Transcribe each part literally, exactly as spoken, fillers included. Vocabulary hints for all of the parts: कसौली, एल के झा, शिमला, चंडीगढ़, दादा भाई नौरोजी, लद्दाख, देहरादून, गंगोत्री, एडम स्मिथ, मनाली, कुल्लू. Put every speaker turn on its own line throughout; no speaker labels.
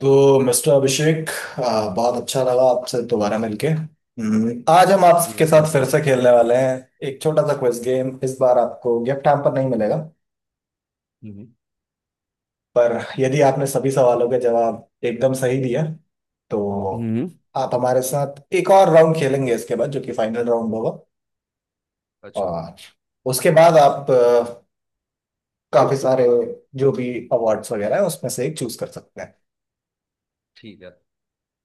तो मिस्टर अभिषेक आ, बहुत अच्छा लगा आपसे दोबारा मिलके। हम्म, आज हम
जी
आपके साथ फिर
नमस्ते।
से खेलने वाले हैं। एक छोटा सा क्विज गेम। इस बार आपको गिफ्ट हैम्पर नहीं मिलेगा,
हम्म।
पर यदि आपने सभी सवालों के जवाब एकदम सही दिया तो
हम्म।
आप हमारे साथ एक और राउंड खेलेंगे इसके बाद, जो कि फाइनल राउंड होगा।
अच्छा।
और उसके बाद आप अ, काफी सारे जो भी अवार्ड्स वगैरह है उसमें से एक चूज कर सकते हैं।
ठीक है।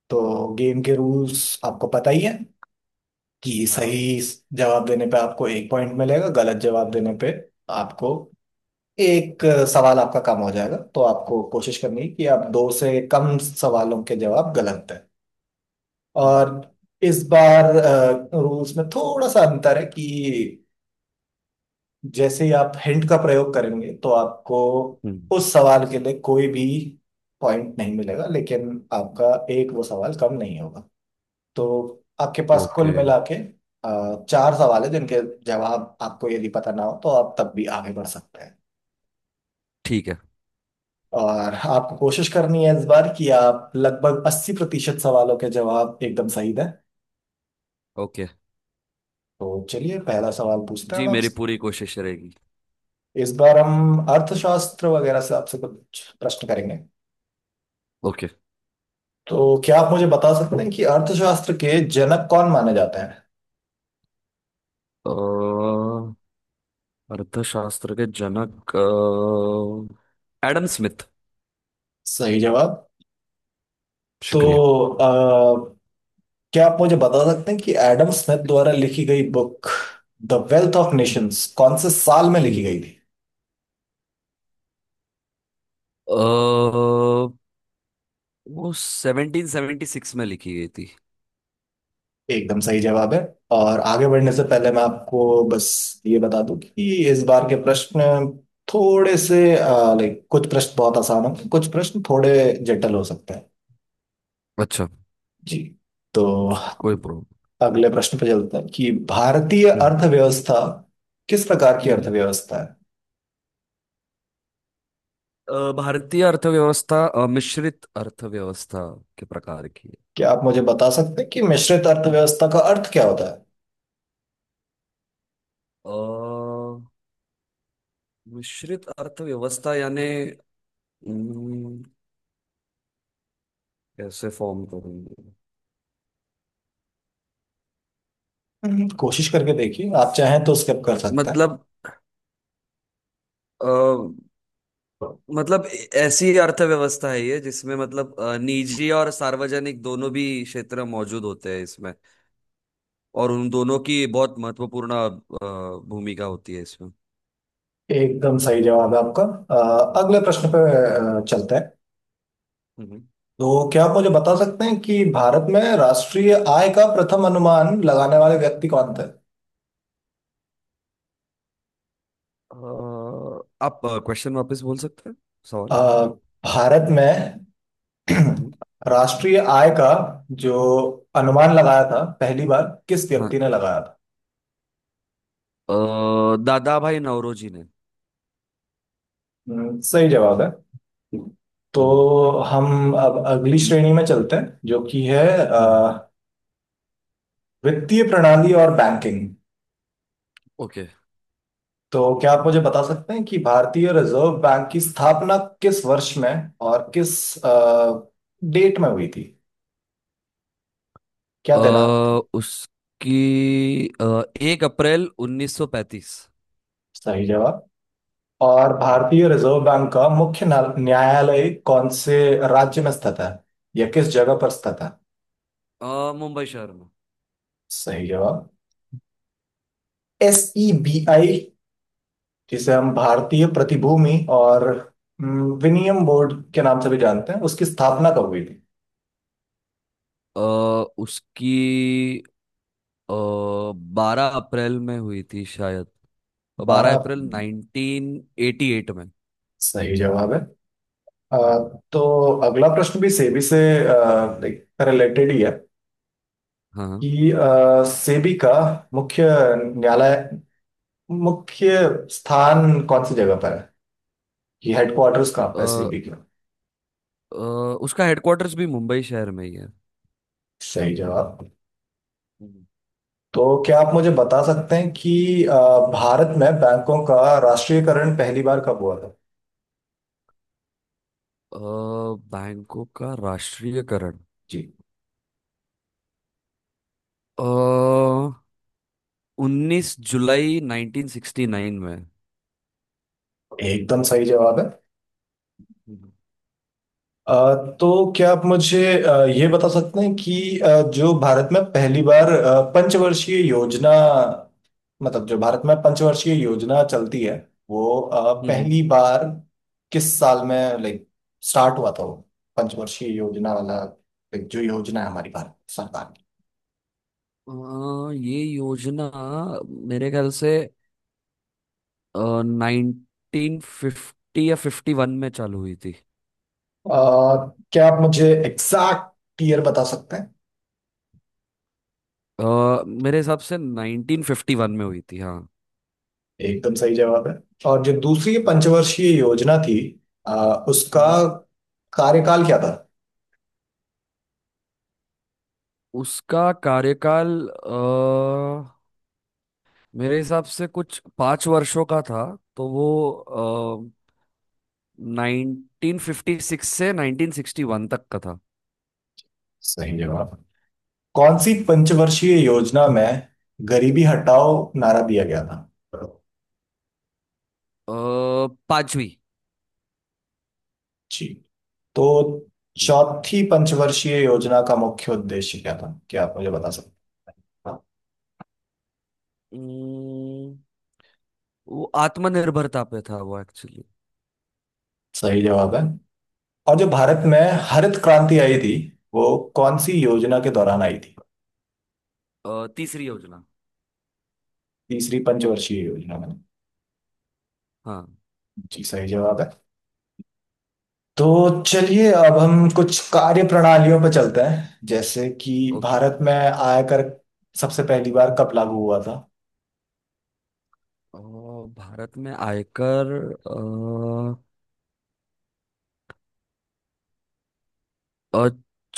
तो गेम के रूल्स आपको पता ही है कि
हाँ।
सही जवाब देने पे आपको एक पॉइंट मिलेगा, गलत जवाब देने पे आपको एक अ, सवाल आपका कम हो जाएगा। तो आपको कोशिश करनी है कि आप दो से कम सवालों के जवाब गलत दें।
हम्म।
और इस बार रूल्स में थोड़ा सा अंतर है कि जैसे ही आप हिंट का प्रयोग करेंगे तो आपको
हम्म।
उस सवाल के लिए कोई भी पॉइंट नहीं मिलेगा, लेकिन आपका एक वो सवाल कम नहीं होगा। तो आपके पास कुल
ओके।
मिला के अ, चार सवाल है जिनके जवाब आपको यदि पता ना हो तो आप तब भी आगे बढ़ सकते हैं।
ठीक है।
और आपको कोशिश करनी है इस बार कि आप लगभग अस्सी प्रतिशत सवालों के जवाब एकदम सही दें।
ओके।
तो चलिए पहला सवाल पूछते हैं
जी,
हम
मेरी
आपसे।
पूरी कोशिश रहेगी।
इस बार हम अर्थशास्त्र वगैरह से आपसे कुछ प्रश्न करेंगे।
ओके।
तो क्या आप मुझे बता सकते हैं कि अर्थशास्त्र के जनक कौन माने जाते हैं?
अ, अर्थशास्त्र के जनक अ, एडम स्मिथ।
सही जवाब।
शुक्रिया।
तो क्या आप मुझे बता सकते हैं कि एडम स्मिथ द्वारा लिखी गई book the wealth of nations कौन से साल में लिखी
हम्म।
गई थी?
अ, वो सेवनटीन सेवेंटी सिक्स में लिखी गई थी।
एकदम सही जवाब है। और आगे बढ़ने से पहले मैं आपको बस ये बता दूं कि इस बार के प्रश्न थोड़े से, लाइक, कुछ प्रश्न बहुत आसान होंगे, कुछ प्रश्न थोड़े जटिल हो सकते हैं।
अच्छा।
जी। तो
कोई प्रॉब्लम।
अगले प्रश्न पे चलते हैं कि भारतीय
हम्म।
अर्थव्यवस्था किस प्रकार की
हम्म।
अर्थव्यवस्था है?
अ, भारतीय अर्थव्यवस्था अ, मिश्रित अर्थव्यवस्था के प्रकार की है।
क्या आप मुझे बता सकते हैं कि मिश्रित अर्थव्यवस्था का अर्थ क्या होता है?
अ, मिश्रित अर्थव्यवस्था यानी हम्म, कैसे फॉर्म करेंगे?
हम्म, कोशिश करके देखिए, आप चाहें तो स्किप कर सकते हैं।
मतलब अ, मतलब ऐसी अर्थव्यवस्था है ये जिसमें मतलब अ, निजी और सार्वजनिक दोनों भी क्षेत्र मौजूद होते हैं इसमें। और उन दोनों की बहुत महत्वपूर्ण अ, भूमिका होती है इसमें।
एकदम सही जवाब है आपका। अ, अगले प्रश्न पे अ, चलते हैं।
हम्म।
तो क्या आप मुझे बता सकते हैं कि भारत में राष्ट्रीय आय का प्रथम अनुमान लगाने वाले व्यक्ति कौन थे?
अ, आप क्वेश्चन वापस बोल सकते हैं।
अ,
सवाल।
भारत में
हम्म।
राष्ट्रीय आय का जो
हम्म।
अनुमान लगाया था पहली बार, किस
हाँ।
व्यक्ति ने लगाया था?
अ, दादा भाई नौरोजी ने।
हम्म, सही जवाब है।
हम्म।
तो हम अब अगली श्रेणी में चलते हैं जो कि है
हम्म।
अ, वित्तीय प्रणाली और बैंकिंग।
ओके।
तो क्या आप मुझे बता सकते हैं कि भारतीय रिजर्व बैंक की स्थापना किस वर्ष में और किस डेट में हुई थी? क्या दिनांक
अ,
थी?
उसकी एक अप्रैल उन्नीस सौ पैंतीस।
सही जवाब। और
हम्म,
भारतीय रिजर्व बैंक का मुख्य न्या- न्यायालय कौन से राज्य में स्थित है, या किस जगह पर स्थित है?
अ, मुंबई शहर में।
सही जवाब। एस ई बी आई, जिसे हम भारतीय प्रतिभूति और, हम्म, विनियम बोर्ड के नाम से भी जानते हैं, उसकी स्थापना कब हुई थी?
अ, उसकी बारह अप्रैल में हुई थी शायद। बारह
बारह।
अप्रैल नाइनटीन एटी एट में।
सही जवाब है। अ,
हम्म।
तो अगला प्रश्न भी सेबी से अ, एक रिलेटेड ही है
हाँ।
कि अ, सेबी का मुख्य न्यायालय, मुख्य स्थान कौन सी जगह पर है, कि हेडक्वार्टर्स कहाँ पर है
अ,
सेबी का?
अ, उसका हेडक्वार्टर्स भी मुंबई शहर में ही है।
सही जवाब।
हम्म,
तो क्या आप मुझे बता सकते हैं कि अ, भारत में बैंकों का राष्ट्रीयकरण पहली बार कब हुआ था?
अ, बैंकों का राष्ट्रीयकरण
जी।
उन्नीस जुलाई नाइनटीन सिक्सटी नाइन में।
एकदम सही जवाब है।
हम्म।
अ, तो क्या आप मुझे अ, ये बता सकते हैं कि अ, जो भारत में पहली बार अ, पंचवर्षीय योजना, मतलब जो भारत में पंचवर्षीय योजना चलती है, वो अ,
हम्म।
पहली बार किस साल में, लाइक, स्टार्ट हुआ था, वो पंचवर्षीय योजना वाला, like, जो योजना है हमारी भारत सरकार की?
हाँ, ये योजना मेरे ख्याल से नाइनटीन फिफ्टी या फिफ्टी वन में चालू हुई थी।
अ, क्या आप मुझे एग्जैक्ट ईयर बता सकते हैं?
अ, मेरे हिसाब से नाइनटीन फिफ्टी वन में हुई थी, हाँ।
एकदम सही जवाब है। और जो दूसरी
हम्म।
पंचवर्षीय योजना थी, अ, उसका
हम्म।
कार्यकाल क्या था?
उसका कार्यकाल अ, मेरे हिसाब से कुछ पाँच वर्षों का था। तो वो नाइनटीन फिफ्टी सिक्स से नाइनटीन सिक्सटी वन तक का था। अ,
सही जवाब। कौन सी
हम्म।
पंचवर्षीय योजना में गरीबी हटाओ नारा दिया गया था?
अ, पांचवी।
जी। तो
हम्म।
चौथी पंचवर्षीय योजना का मुख्य उद्देश्य क्या था, क्या आप मुझे बता सकते हैं?
उम्म, वो आत्मनिर्भरता पे था वो एक्चुअली।
सही जवाब है। और जो भारत में हरित क्रांति आई थी, वो कौन सी योजना के दौरान आई थी?
अ, तीसरी योजना।
तीसरी पंचवर्षीय योजना में?
हाँ।
जी, सही जवाब है। तो चलिए अब हम कुछ कार्य प्रणालियों पर चलते हैं, जैसे कि
ओके।
भारत में आयकर सबसे पहली बार कब लागू हुआ था?
अ, भारत में आयकर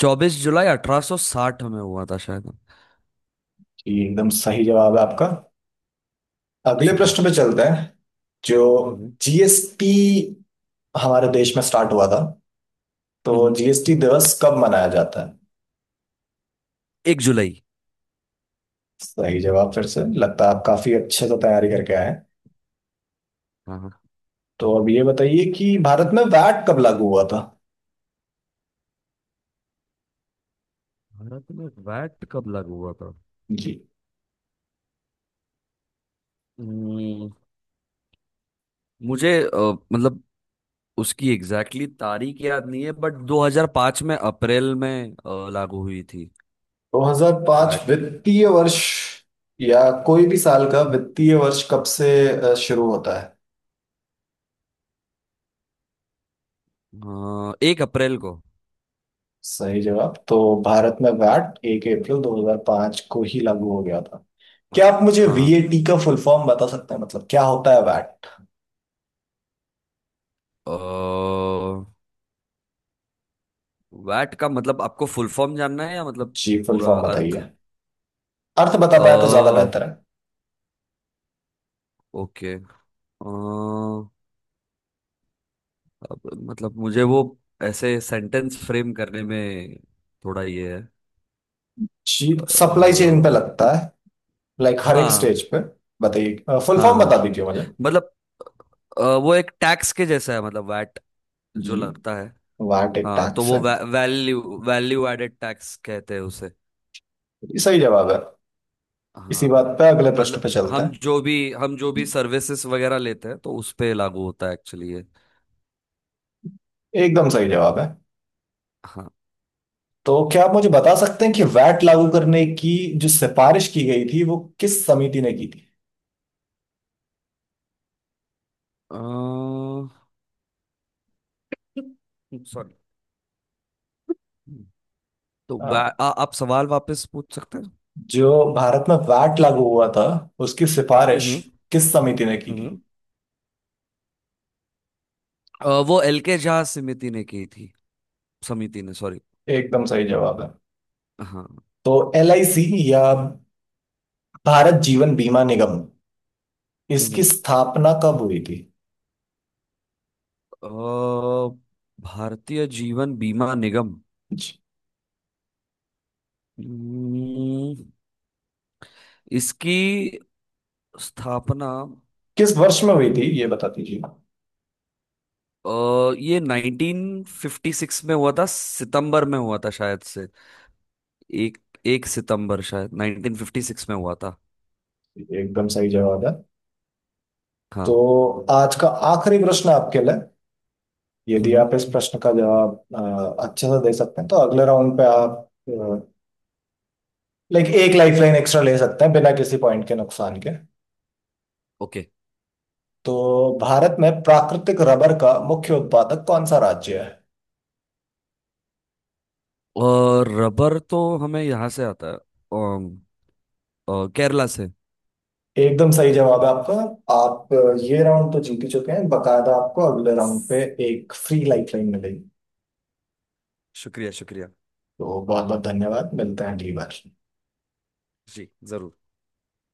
चौबीस जुलाई अठारह सौ साठ में हुआ था शायद।
ये एकदम सही जवाब है आपका। अगले
शुक्रिया।
प्रश्न पे चलते हैं। जो
हम्म।
जीएसटी हमारे देश में स्टार्ट हुआ था, तो
हम्म।
जीएसटी दिवस कब मनाया जाता है?
एक जुलाई।
सही जवाब। फिर से लगता है आप काफी अच्छे से तैयारी करके आए हैं।
हाँ, हाँ।
तो अब ये बताइए कि भारत में वैट कब लागू हुआ था?
भारत में वैट कब लागू हुआ था?
जी।
हम्म, मुझे अ, मतलब उसकी एग्जैक्टली exactly तारीख याद नहीं है, बट दो हज़ार पाँच में अप्रैल में अ, लागू हुई थी।
दो हज़ार पाँच
वैट।
वित्तीय वर्ष, या कोई भी साल का वित्तीय वर्ष कब से अ, शुरू होता है?
अ, एक अप्रैल को।
सही जवाब। तो भारत में वैट एक अप्रैल दो हज़ार पाँच को ही लागू हो गया था। क्या आप
हाँ,
मुझे
हाँ।
वीएटी का फुल फॉर्म बता सकते हैं, मतलब क्या होता है वैट?
अ, वैट का मतलब आपको फुल फॉर्म जानना है या मतलब
जी, फुल
पूरा
फॉर्म
अर्थ?
बताइए, अर्थ बता पाए तो ज्यादा
अ
बेहतर है।
ओके। अ, अब मतलब मुझे वो ऐसे सेंटेंस फ्रेम करने में थोड़ा ये है।
जी।
अ,
सप्लाई चेन पे लगता है, लाइक हर एक
हाँ।
स्टेज पे। बताइए, फुल
हाँ।
फॉर्म
हाँ,
बता दीजिए मुझे।
मतलब अ, वो एक टैक्स के जैसा है मतलब वैट जो
जी,
लगता है।
वैट एक
हाँ, तो
टैक्स
वो
है।
वै, वैल्यू वैल्यू एडेड टैक्स कहते हैं उसे।
ये सही जवाब है। इसी
हाँ,
बात पे अगले प्रश्न पे
मतलब
चलते
हम
हैं।
जो भी हम जो भी सर्विसेज वगैरह लेते हैं तो उस पे लागू होता है एक्चुअली ये।
एकदम सही जवाब है।
हाँ।
तो क्या आप मुझे बता सकते हैं कि वैट लागू करने की जो सिफारिश की गई थी, वो किस समिति ने की थी?
अ, सॉरी। तो वा-
आ,
आ, आप सवाल वापस पूछ सकते हैं।
जो भारत में वैट लागू हुआ था, उसकी सिफारिश
हम्म।
किस समिति ने की थी?
हम्म। अ, वो एल के झा समिति ने की थी। समिति ने, सॉरी।
एकदम सही जवाब है।
हाँ।
तो एल आई सी, या भारत जीवन बीमा निगम, इसकी
हम्म।
स्थापना कब हुई थी?
अ, भारतीय जीवन बीमा निगम।
जी।
हम्म, इसकी स्थापना।
किस वर्ष में हुई थी ये बता दीजिए।
अ, ये नाइनटीन फिफ्टी सिक्स में हुआ था। सितंबर में हुआ था शायद से। एक एक सितंबर शायद नाइनटीन फिफ्टी सिक्स में हुआ था।
एकदम सही जवाब है।
हाँ।
तो आज का आखिरी प्रश्न आपके लिए, यदि
हम्म।
आप इस प्रश्न का जवाब अ, अच्छे से दे सकते हैं तो अगले राउंड पे आप, लाइक, एक लाइफलाइन एक्स्ट्रा ले सकते हैं बिना किसी पॉइंट के नुकसान के।
ओके।
तो भारत में प्राकृतिक रबर का मुख्य उत्पादक कौन सा राज्य है?
और रबर तो हमें यहाँ से आता है। अम, अ, केरला से।
एकदम सही जवाब है आपका। आप अ, ये राउंड तो जीत ही चुके हैं, बकायदा आपको अगले राउंड पे
बस,
एक फ्री लाइफलाइन मिलेगी।
शुक्रिया, शुक्रिया।
तो बहुत बहुत धन्यवाद, मिलते हैं अगली बार।
जी, जरूर।